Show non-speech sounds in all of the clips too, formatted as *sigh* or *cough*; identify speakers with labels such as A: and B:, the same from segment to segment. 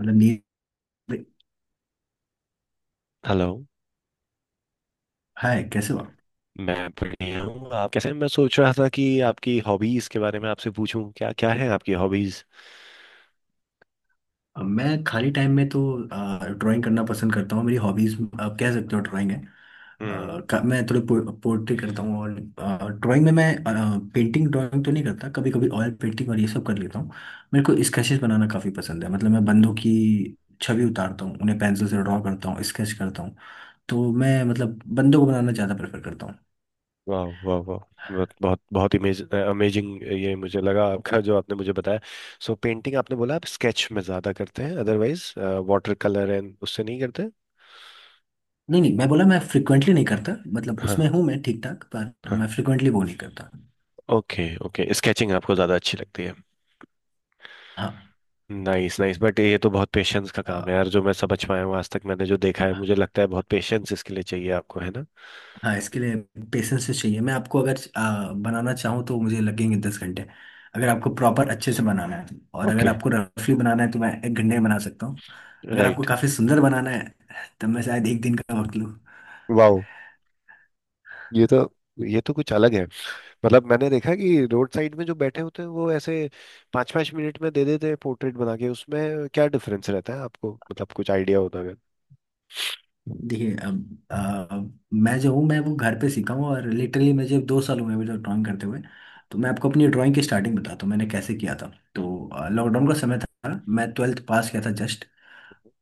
A: मतलब नींद।
B: Hello.
A: Hi कैसे हो आप?
B: मैं बढ़िया हूँ, आप कैसे हैं? मैं सोच रहा था कि आपकी हॉबीज के बारे में आपसे पूछूं, क्या क्या है आपकी हॉबीज।
A: मैं खाली टाइम में तो ड्राइंग करना पसंद करता हूँ। मेरी हॉबीज आप कह सकते हो ड्राइंग है। अ,
B: हम्म।
A: मैं थोड़ी पोर्ट्री करता हूँ और ड्राइंग में मैं पेंटिंग ड्राइंग तो नहीं करता, कभी कभी ऑयल पेंटिंग और ये सब कर लेता हूँ। मेरे को स्केचेस बनाना काफ़ी पसंद है, मतलब मैं बंदों की छवि उतारता हूँ, उन्हें पेंसिल से ड्रॉ करता हूँ, स्केच करता हूँ। तो मैं मतलब बंदों को बनाना ज़्यादा प्रेफर करता हूँ।
B: वाह वाह वाह। बहुत बहुत बहुत इमेज अमेजिंग ये मुझे लगा आपका, जो आपने मुझे बताया। सो पेंटिंग आपने बोला आप स्केच में ज्यादा करते हैं, अदरवाइज वाटर कलर एंड उससे नहीं करते।
A: नहीं नहीं, मैं बोला मैं फ्रिक्वेंटली नहीं करता, मतलब
B: हाँ
A: उसमें हूँ मैं ठीक ठाक, पर मैं
B: हाँ।
A: फ्रिक्वेंटली वो नहीं करता।
B: ओके ओके, स्केचिंग आपको ज्यादा अच्छी लगती है।
A: हाँ।
B: नाइस नाइस, बट ये तो बहुत पेशेंस का काम है यार,
A: अ,
B: जो मैं समझ पाया हूँ आज तक। मैंने जो देखा है, मुझे लगता है बहुत पेशेंस इसके लिए चाहिए, आपको है ना।
A: हाँ, इसके लिए पेशेंस से चाहिए। मैं आपको अगर बनाना चाहूँ तो मुझे लगेंगे 10 घंटे, अगर आपको प्रॉपर अच्छे से बनाना है। और अगर
B: ओके।
A: आपको रफली बनाना है तो मैं 1 घंटे में बना सकता हूँ। अगर आपको
B: राइट।
A: काफ़ी सुंदर बनाना है तब मैं शायद एक दिन का वक्त लूँ।
B: वाओ। ये तो ये तो कुछ अलग है। मतलब मैंने देखा कि रोड साइड में जो बैठे होते हैं वो ऐसे 5-5 मिनट में दे देते हैं पोर्ट्रेट बना के, उसमें क्या डिफरेंस रहता है आपको, मतलब कुछ आइडिया होता है। हम्म।
A: देखिए, अब मैं जो हूँ मैं वो घर पे सीखा हूँ, और लिटरली मैं जब 2 साल हुए हैं मुझे ड्राइंग करते हुए। तो मैं आपको अपनी ड्राइंग की स्टार्टिंग बताता हूँ मैंने कैसे किया था।
B: हम्म।
A: तो लॉकडाउन का समय था, मैं ट्वेल्थ पास किया था जस्ट।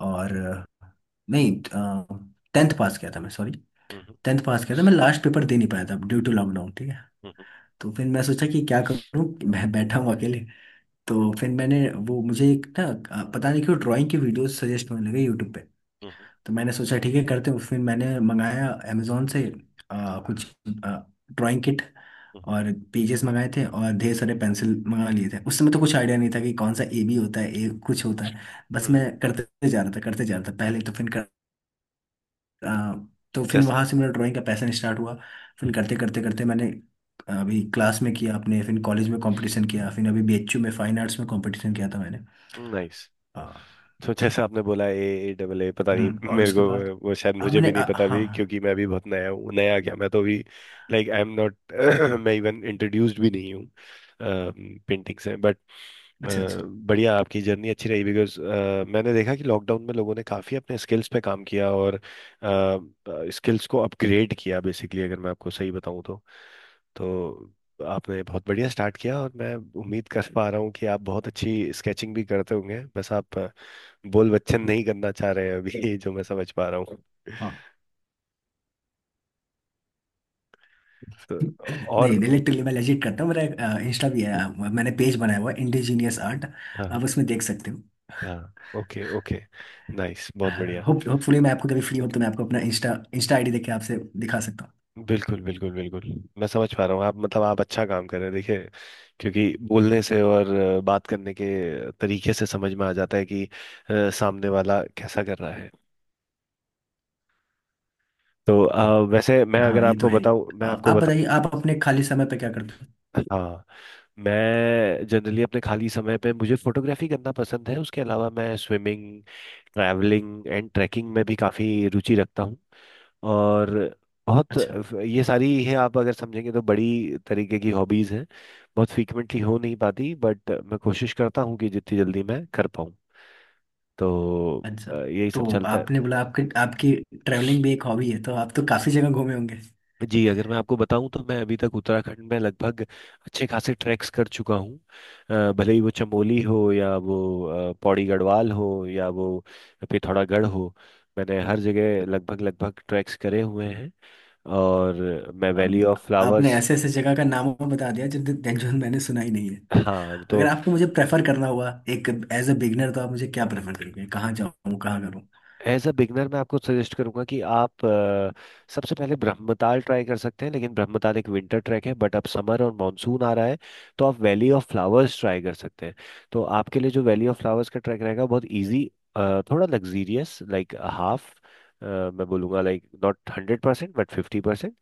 A: और नहीं, टेंथ पास किया था मैं, सॉरी। टेंथ पास किया था, मैं लास्ट पेपर दे नहीं पाया था ड्यू टू लॉकडाउन, ठीक है।
B: हम्म।
A: तो फिर मैं सोचा कि क्या करूँ, मैं बैठा हूँ अकेले। तो फिर मैंने, वो मुझे एक ना पता नहीं क्यों ड्राइंग की वीडियोस सजेस्ट होने लगे यूट्यूब पे।
B: हम्म।
A: तो मैंने सोचा ठीक है करते हैं, फिर मैंने मंगाया अमेजोन से कुछ ड्राइंग किट
B: हम्म।
A: और पेजेस मंगाए थे, और ढेर सारे पेंसिल मंगा लिए थे। उस समय तो कुछ आइडिया नहीं था कि कौन सा ए बी होता है, ए कुछ होता है। बस मैं
B: हम्म।
A: करते जा रहा था करते जा रहा था पहले, तो फिर अ, तो फिर
B: जैसे।
A: वहां से मेरा ड्राइंग का पैशन स्टार्ट हुआ। फिर करते करते करते मैंने अभी क्लास में किया अपने, फिर कॉलेज में कंपटीशन किया, फिर अभी बीएचयू में फाइन आर्ट्स में कंपटीशन किया था मैंने।
B: नाइस।
A: अ,
B: तो जैसे आपने बोला ए, ए डबल ए पता नहीं।
A: हम्म, और
B: मेरे को
A: उसके बाद
B: वो शायद
A: अब
B: मुझे
A: मैंने,
B: भी नहीं पता
A: हाँ
B: भी,
A: हाँ,
B: क्योंकि मैं भी बहुत नया हूँ। नया क्या, मैं तो भी लाइक आई एम नॉट *clears throat* मैं इवन इंट्रोड्यूस्ड भी नहीं हूँ पेंटिंग से, बट अ,
A: अच्छा अच्छा,
B: बढ़िया आपकी जर्नी अच्छी रही बिकॉज मैंने देखा कि लॉकडाउन में लोगों ने काफ़ी अपने स्किल्स पे काम किया और स्किल्स को अपग्रेड किया, बेसिकली अगर मैं आपको सही बताऊं तो। तो आपने बहुत बढ़िया स्टार्ट किया और मैं उम्मीद कर पा रहा हूँ कि आप बहुत अच्छी स्केचिंग भी करते होंगे, बस आप बोल बच्चन नहीं करना चाह रहे हैं अभी *laughs* जो मैं समझ पा रहा हूँ।
A: हाँ
B: तो। और।
A: नहीं, लिटरली मैं लेजिट करता हूँ, मेरा इंस्टा भी है। मैंने पेज बनाया हुआ है इंडिजीनियस आर्ट,
B: हाँ
A: आप उसमें देख सकते हो।
B: हाँ। Okay okay. नाइस बहुत बढ़िया।
A: होपफुली, मैं आपको कभी फ्री हो तो मैं आपको अपना इंस्टा इंस्टा आईडी देके आपसे दिखा सकता हूँ।
B: बिल्कुल बिल्कुल बिल्कुल, मैं समझ पा रहा हूँ आप मतलब आप अच्छा काम कर रहे हैं, देखिए, क्योंकि बोलने से और बात करने के तरीके से समझ में आ जाता है कि सामने वाला कैसा कर रहा है। तो वैसे मैं
A: हाँ,
B: अगर
A: ये तो
B: आपको
A: है ही।
B: बताऊँ, मैं आपको
A: आप
B: बता
A: बताइए, आप अपने खाली समय पे क्या करते हो।
B: *laughs* हाँ। मैं जनरली अपने खाली समय पे, मुझे फोटोग्राफी करना पसंद है, उसके अलावा मैं स्विमिंग, ट्रैवलिंग एंड ट्रैकिंग में भी काफ़ी रुचि रखता हूँ और बहुत।
A: अच्छा
B: ये सारी है, आप अगर समझेंगे तो बड़ी तरीके की हॉबीज हैं। बहुत फ्रीक्वेंटली हो नहीं पाती, बट मैं कोशिश करता हूँ कि जितनी जल्दी मैं कर पाऊँ। तो
A: अच्छा।
B: यही सब
A: तो
B: चलता है।
A: आपने बोला आपके आपकी ट्रैवलिंग भी एक हॉबी है, तो आप तो काफी जगह घूमे होंगे।
B: जी, अगर मैं आपको बताऊं तो मैं अभी तक उत्तराखंड में लगभग अच्छे खासे ट्रैक्स कर चुका हूँ। भले ही वो चमोली हो, या वो पौड़ी गढ़वाल हो, या वो पिथौरागढ़ हो। मैंने हर जगह लगभग लगभग ट्रैक्स करे हुए हैं। और मैं वैली
A: अब
B: ऑफ
A: आपने
B: फ्लावर्स।
A: ऐसे ऐसे जगह का नाम बता दिया जो जो मैंने सुना ही नहीं है।
B: हाँ
A: अगर
B: तो
A: आपको मुझे प्रेफर करना हुआ एक एज अ बिगनर, तो आप मुझे क्या प्रेफर करेंगे, कहाँ जाऊँ कहाँ करूँ?
B: एज अ बिगनर मैं आपको सजेस्ट करूंगा कि आप सबसे पहले ब्रह्मताल ट्राई कर सकते हैं, लेकिन ब्रह्मताल एक विंटर ट्रैक है, बट अब समर और मानसून आ रहा है, तो आप वैली ऑफ फ्लावर्स ट्राई कर सकते हैं। तो आपके लिए जो वैली ऑफ फ्लावर्स का ट्रैक रहेगा बहुत इजी, थोड़ा लग्जीरियस, लाइक हाफ। मैं बोलूँगा लाइक नॉट 100% बट 50%।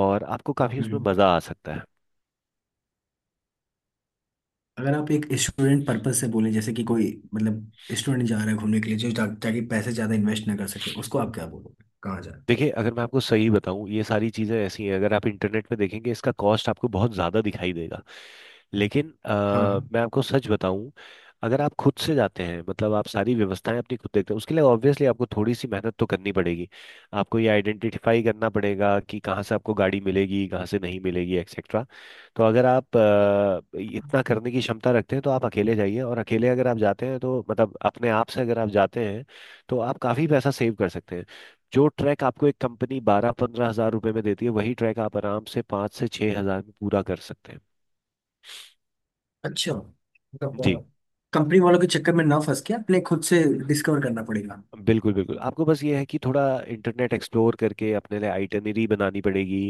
B: और आपको काफ़ी उसमें
A: हम्म।
B: मज़ा आ सकता है।
A: अगर आप एक स्टूडेंट पर्पज से बोलें, जैसे कि कोई, मतलब, स्टूडेंट जा रहा है घूमने के लिए, ताकि पैसे ज्यादा इन्वेस्ट ना कर सके, उसको आप क्या बोलोगे कहाँ जाए?
B: देखिए, अगर मैं आपको सही बताऊं, ये सारी चीज़ें ऐसी हैं, अगर आप इंटरनेट पे देखेंगे इसका कॉस्ट आपको बहुत ज़्यादा दिखाई देगा। लेकिन
A: हाँ हाँ।
B: मैं आपको सच बताऊं, अगर आप खुद से जाते हैं, मतलब आप सारी व्यवस्थाएं अपनी खुद देखते हैं, उसके लिए ऑब्वियसली आपको थोड़ी सी मेहनत तो करनी पड़ेगी। आपको ये आइडेंटिफाई करना पड़ेगा कि कहाँ से आपको गाड़ी मिलेगी, कहाँ से नहीं मिलेगी, एक्सेट्रा। तो अगर आप इतना करने की क्षमता रखते हैं तो आप अकेले जाइए, और अकेले अगर आप जाते हैं तो मतलब अपने आप से अगर आप जाते हैं तो आप काफ़ी पैसा सेव कर सकते हैं। जो ट्रैक आपको एक कंपनी 12-15 हजार रुपए में देती है, वही ट्रैक आप आराम से 5 से 6 हजार में पूरा कर सकते हैं।
A: अच्छा,
B: जी
A: मतलब कंपनी वालों के चक्कर में ना फंस के अपने खुद से डिस्कवर करना पड़ेगा।
B: बिल्कुल बिल्कुल, आपको बस ये है कि थोड़ा इंटरनेट एक्सप्लोर करके अपने लिए आइटनरी बनानी पड़ेगी।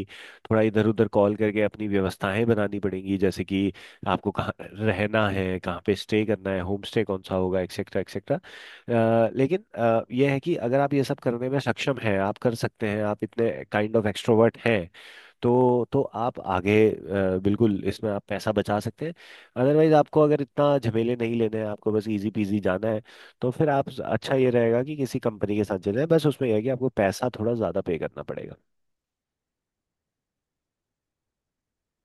B: थोड़ा इधर उधर कॉल करके अपनी व्यवस्थाएं बनानी पड़ेंगी, जैसे कि आपको कहाँ रहना है, कहाँ पे स्टे करना है, होम स्टे कौन सा होगा, एक्सेट्रा एक्सेट्रा। लेकिन यह है कि अगर आप ये सब करने में सक्षम हैं, आप कर सकते हैं, आप इतने काइंड ऑफ एक्सट्रोवर्ट हैं, तो आप आगे बिल्कुल इसमें आप पैसा बचा सकते हैं। अदरवाइज आपको अगर इतना झमेले नहीं लेने हैं, आपको बस इजी पीजी जाना है, तो फिर आप अच्छा ये रहेगा कि किसी कंपनी के साथ चले जाएं। बस उसमें यह है कि आपको पैसा थोड़ा ज़्यादा पे करना पड़ेगा।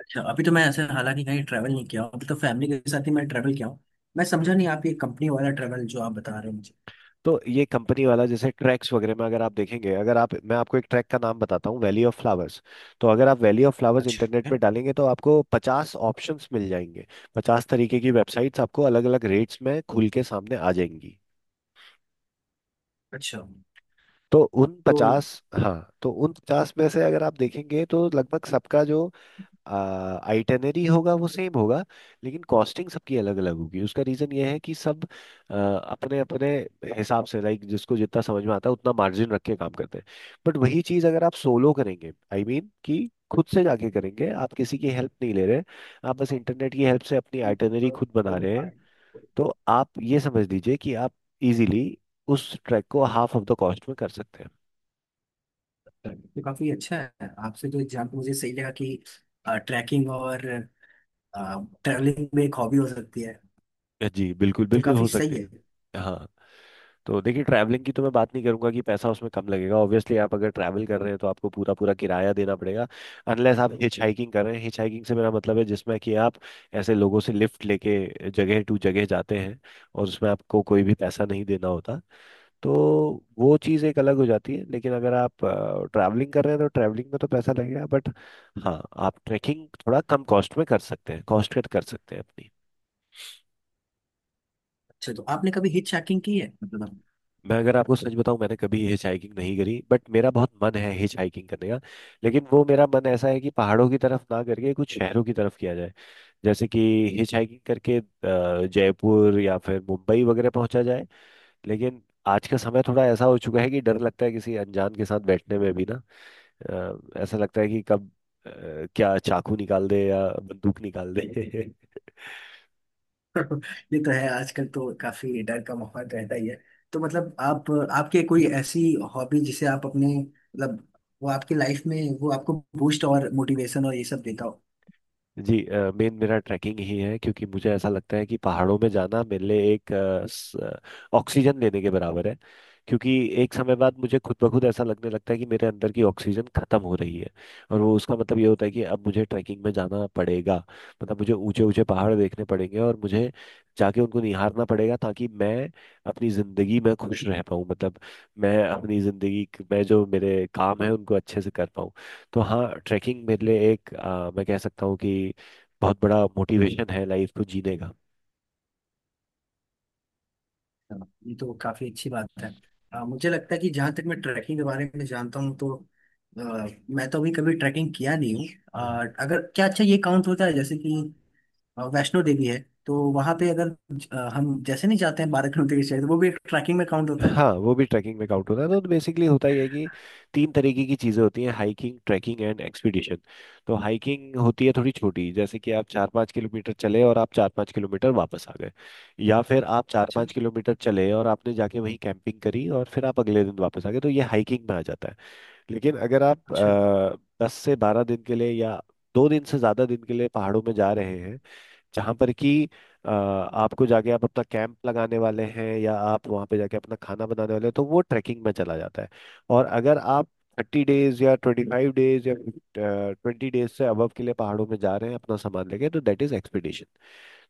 A: अच्छा, अभी तो मैं ऐसे हालांकि कहीं ट्रैवल नहीं किया हूँ, अभी तो फैमिली के साथ ही मैं ट्रैवल किया हूँ। मैं समझा नहीं, आप ये कंपनी वाला ट्रैवल जो आप बता रहे हो मुझे।
B: तो ये कंपनी वाला जैसे ट्रैक्स वगैरह में, अगर आप देखेंगे, अगर आप, मैं आपको एक ट्रैक का नाम बताता हूँ, वैली ऑफ फ्लावर्स। तो अगर आप वैली ऑफ फ्लावर्स इंटरनेट
A: अच्छा
B: में डालेंगे तो आपको 50 ऑप्शंस मिल जाएंगे। 50 तरीके की वेबसाइट्स आपको अलग अलग रेट्स में खुल के सामने आ जाएंगी।
A: अच्छा।
B: तो उन
A: तो
B: पचास, हाँ तो उन पचास में से अगर आप देखेंगे तो लगभग सबका जो आइटनरी होगा वो सेम होगा। लेकिन कॉस्टिंग सबकी अलग अलग होगी, उसका रीजन ये है कि सब अपने अपने हिसाब से, लाइक जिसको जितना समझ में आता है उतना मार्जिन रख के काम करते हैं। बट वही चीज़ अगर आप सोलो करेंगे, आई I मीन mean, कि खुद से जाके करेंगे, आप किसी की हेल्प नहीं ले रहे, आप बस इंटरनेट की हेल्प से अपनी आइटनरी
A: तो
B: खुद बना रहे हैं। तो आप ये समझ लीजिए कि आप इजीली उस ट्रैक को हाफ ऑफ द कॉस्ट में कर सकते हैं।
A: काफी अच्छा है, आपसे जो एग्जाम्पल मुझे सही लगा कि ट्रैकिंग और ट्रैवलिंग में एक हॉबी हो सकती है,
B: जी बिल्कुल
A: तो
B: बिल्कुल हो
A: काफी
B: सकते
A: सही है।
B: हैं। हाँ तो देखिए, ट्रैवलिंग की तो मैं बात नहीं करूंगा कि पैसा उसमें कम लगेगा, ऑब्वियसली आप अगर ट्रैवल कर रहे हैं तो आपको पूरा पूरा किराया देना पड़ेगा। अनलेस आप हिच हाइकिंग कर रहे हैं, हिच हाइकिंग से मेरा मतलब है जिसमें कि आप ऐसे लोगों से लिफ्ट लेके जगह टू जगह जाते हैं, और उसमें आपको कोई भी पैसा नहीं देना होता। तो वो चीज़ एक अलग हो जाती है, लेकिन अगर आप ट्रैवलिंग कर रहे हैं तो ट्रैवलिंग में तो पैसा लगेगा, बट हाँ, आप ट्रैकिंग थोड़ा कम कॉस्ट में कर सकते हैं, कॉस्ट कट कर सकते हैं।
A: अच्छा, तो आपने कभी हिट ट्रैकिंग की है मतलब?
B: मैं अगर आपको सच बताऊं, मैंने कभी हिच हाइकिंग नहीं करी, बट मेरा बहुत मन है हिच हाइकिंग करने का। लेकिन वो मेरा मन ऐसा है कि पहाड़ों की तरफ ना करके कुछ शहरों की तरफ किया जाए, जैसे कि हिच हाइकिंग करके जयपुर या फिर मुंबई वगैरह पहुंचा जाए। लेकिन आज का समय थोड़ा ऐसा हो चुका है कि डर लगता है किसी अनजान के साथ बैठने में भी ना, ऐसा लगता है कि कब अ, क्या चाकू निकाल दे या बंदूक निकाल दे *laughs*
A: *laughs* ये तो है, आजकल तो काफी डर का माहौल रहता ही है। तो मतलब आप आपके कोई ऐसी हॉबी जिसे आप अपने, मतलब, वो आपकी लाइफ में, वो आपको बूस्ट और मोटिवेशन और ये सब देता हो।
B: जी, मेन मेरा ट्रैकिंग ही है, क्योंकि मुझे ऐसा लगता है कि पहाड़ों में जाना मेरे लिए एक ऑक्सीजन लेने के बराबर है। क्योंकि एक समय बाद मुझे खुद ब खुद ऐसा लगने लगता है कि मेरे अंदर की ऑक्सीजन खत्म हो रही है, और वो, उसका मतलब ये होता है कि अब मुझे ट्रैकिंग में जाना पड़ेगा। मतलब मुझे ऊंचे ऊंचे पहाड़ देखने पड़ेंगे, और मुझे जाके उनको निहारना पड़ेगा, ताकि मैं अपनी जिंदगी में खुश रह पाऊँ। मतलब मैं अपनी जिंदगी में जो मेरे काम है उनको अच्छे से कर पाऊँ। तो हाँ, ट्रैकिंग मेरे लिए एक, मैं कह सकता हूँ कि बहुत बड़ा मोटिवेशन है लाइफ को जीने का।
A: हाँ, ये तो काफी अच्छी बात है। मुझे लगता है कि जहाँ तक मैं ट्रैकिंग के बारे में जानता हूँ तो अ, मैं तो अभी कभी ट्रैकिंग किया नहीं हूँ।
B: हम्म।
A: अगर क्या, अच्छा ये काउंट होता है, जैसे कि वैष्णो देवी है, तो वहां पे अगर हम जैसे नहीं जाते हैं 12 किलोमीटर की चढ़ाई, तो वो भी एक ट्रैकिंग में काउंट होता है।
B: हाँ, वो भी ट्रैकिंग में काउंट होता है। तो बेसिकली होता ही है कि तीन तरीके की चीज़ें होती हैं, हाइकिंग, ट्रैकिंग एंड एक्सपीडिशन। तो हाइकिंग होती है थोड़ी छोटी, जैसे कि आप 4-5 किलोमीटर चले और आप 4-5 किलोमीटर वापस आ गए, या फिर आप चार
A: अच्छा
B: पाँच किलोमीटर चले और आपने जाके वहीं कैंपिंग करी और फिर आप अगले दिन वापस आ गए, तो ये हाइकिंग में आ जाता है। लेकिन अगर आप
A: अच्छा।
B: 10 से 12 दिन के लिए या 2 दिन से ज्यादा दिन के लिए पहाड़ों में जा रहे हैं, जहां पर कि आपको जाके आप अपना कैंप लगाने वाले हैं, या आप वहां पे जाके अपना खाना बनाने वाले हैं, तो वो ट्रैकिंग में चला जाता है। और अगर आप 30 डेज या 25 डेज या 20 डेज से अबव के लिए पहाड़ों में जा रहे हैं अपना सामान लेके, तो दैट इज एक्सपीडिशन।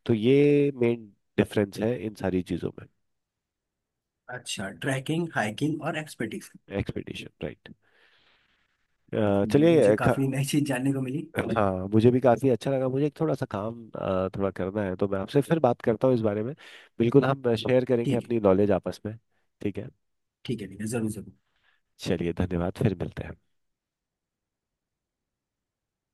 B: तो ये मेन डिफरेंस है इन सारी चीजों में।
A: अच्छा, ट्रैकिंग हाइकिंग और एक्सपेडिशन।
B: Expedition right.
A: काफी, मुझे
B: चलिए
A: काफी नई चीज जानने को मिली।
B: हाँ, मुझे भी काफी अच्छा लगा। मुझे एक थोड़ा सा काम थोड़ा करना है, तो मैं आपसे फिर बात करता हूँ इस बारे में। बिल्कुल, हम शेयर करेंगे
A: ठीक है,
B: अपनी नॉलेज आपस में। ठीक है।
A: ठीक है ठीक है, जरूर जरूर।
B: चलिए धन्यवाद, फिर मिलते हैं।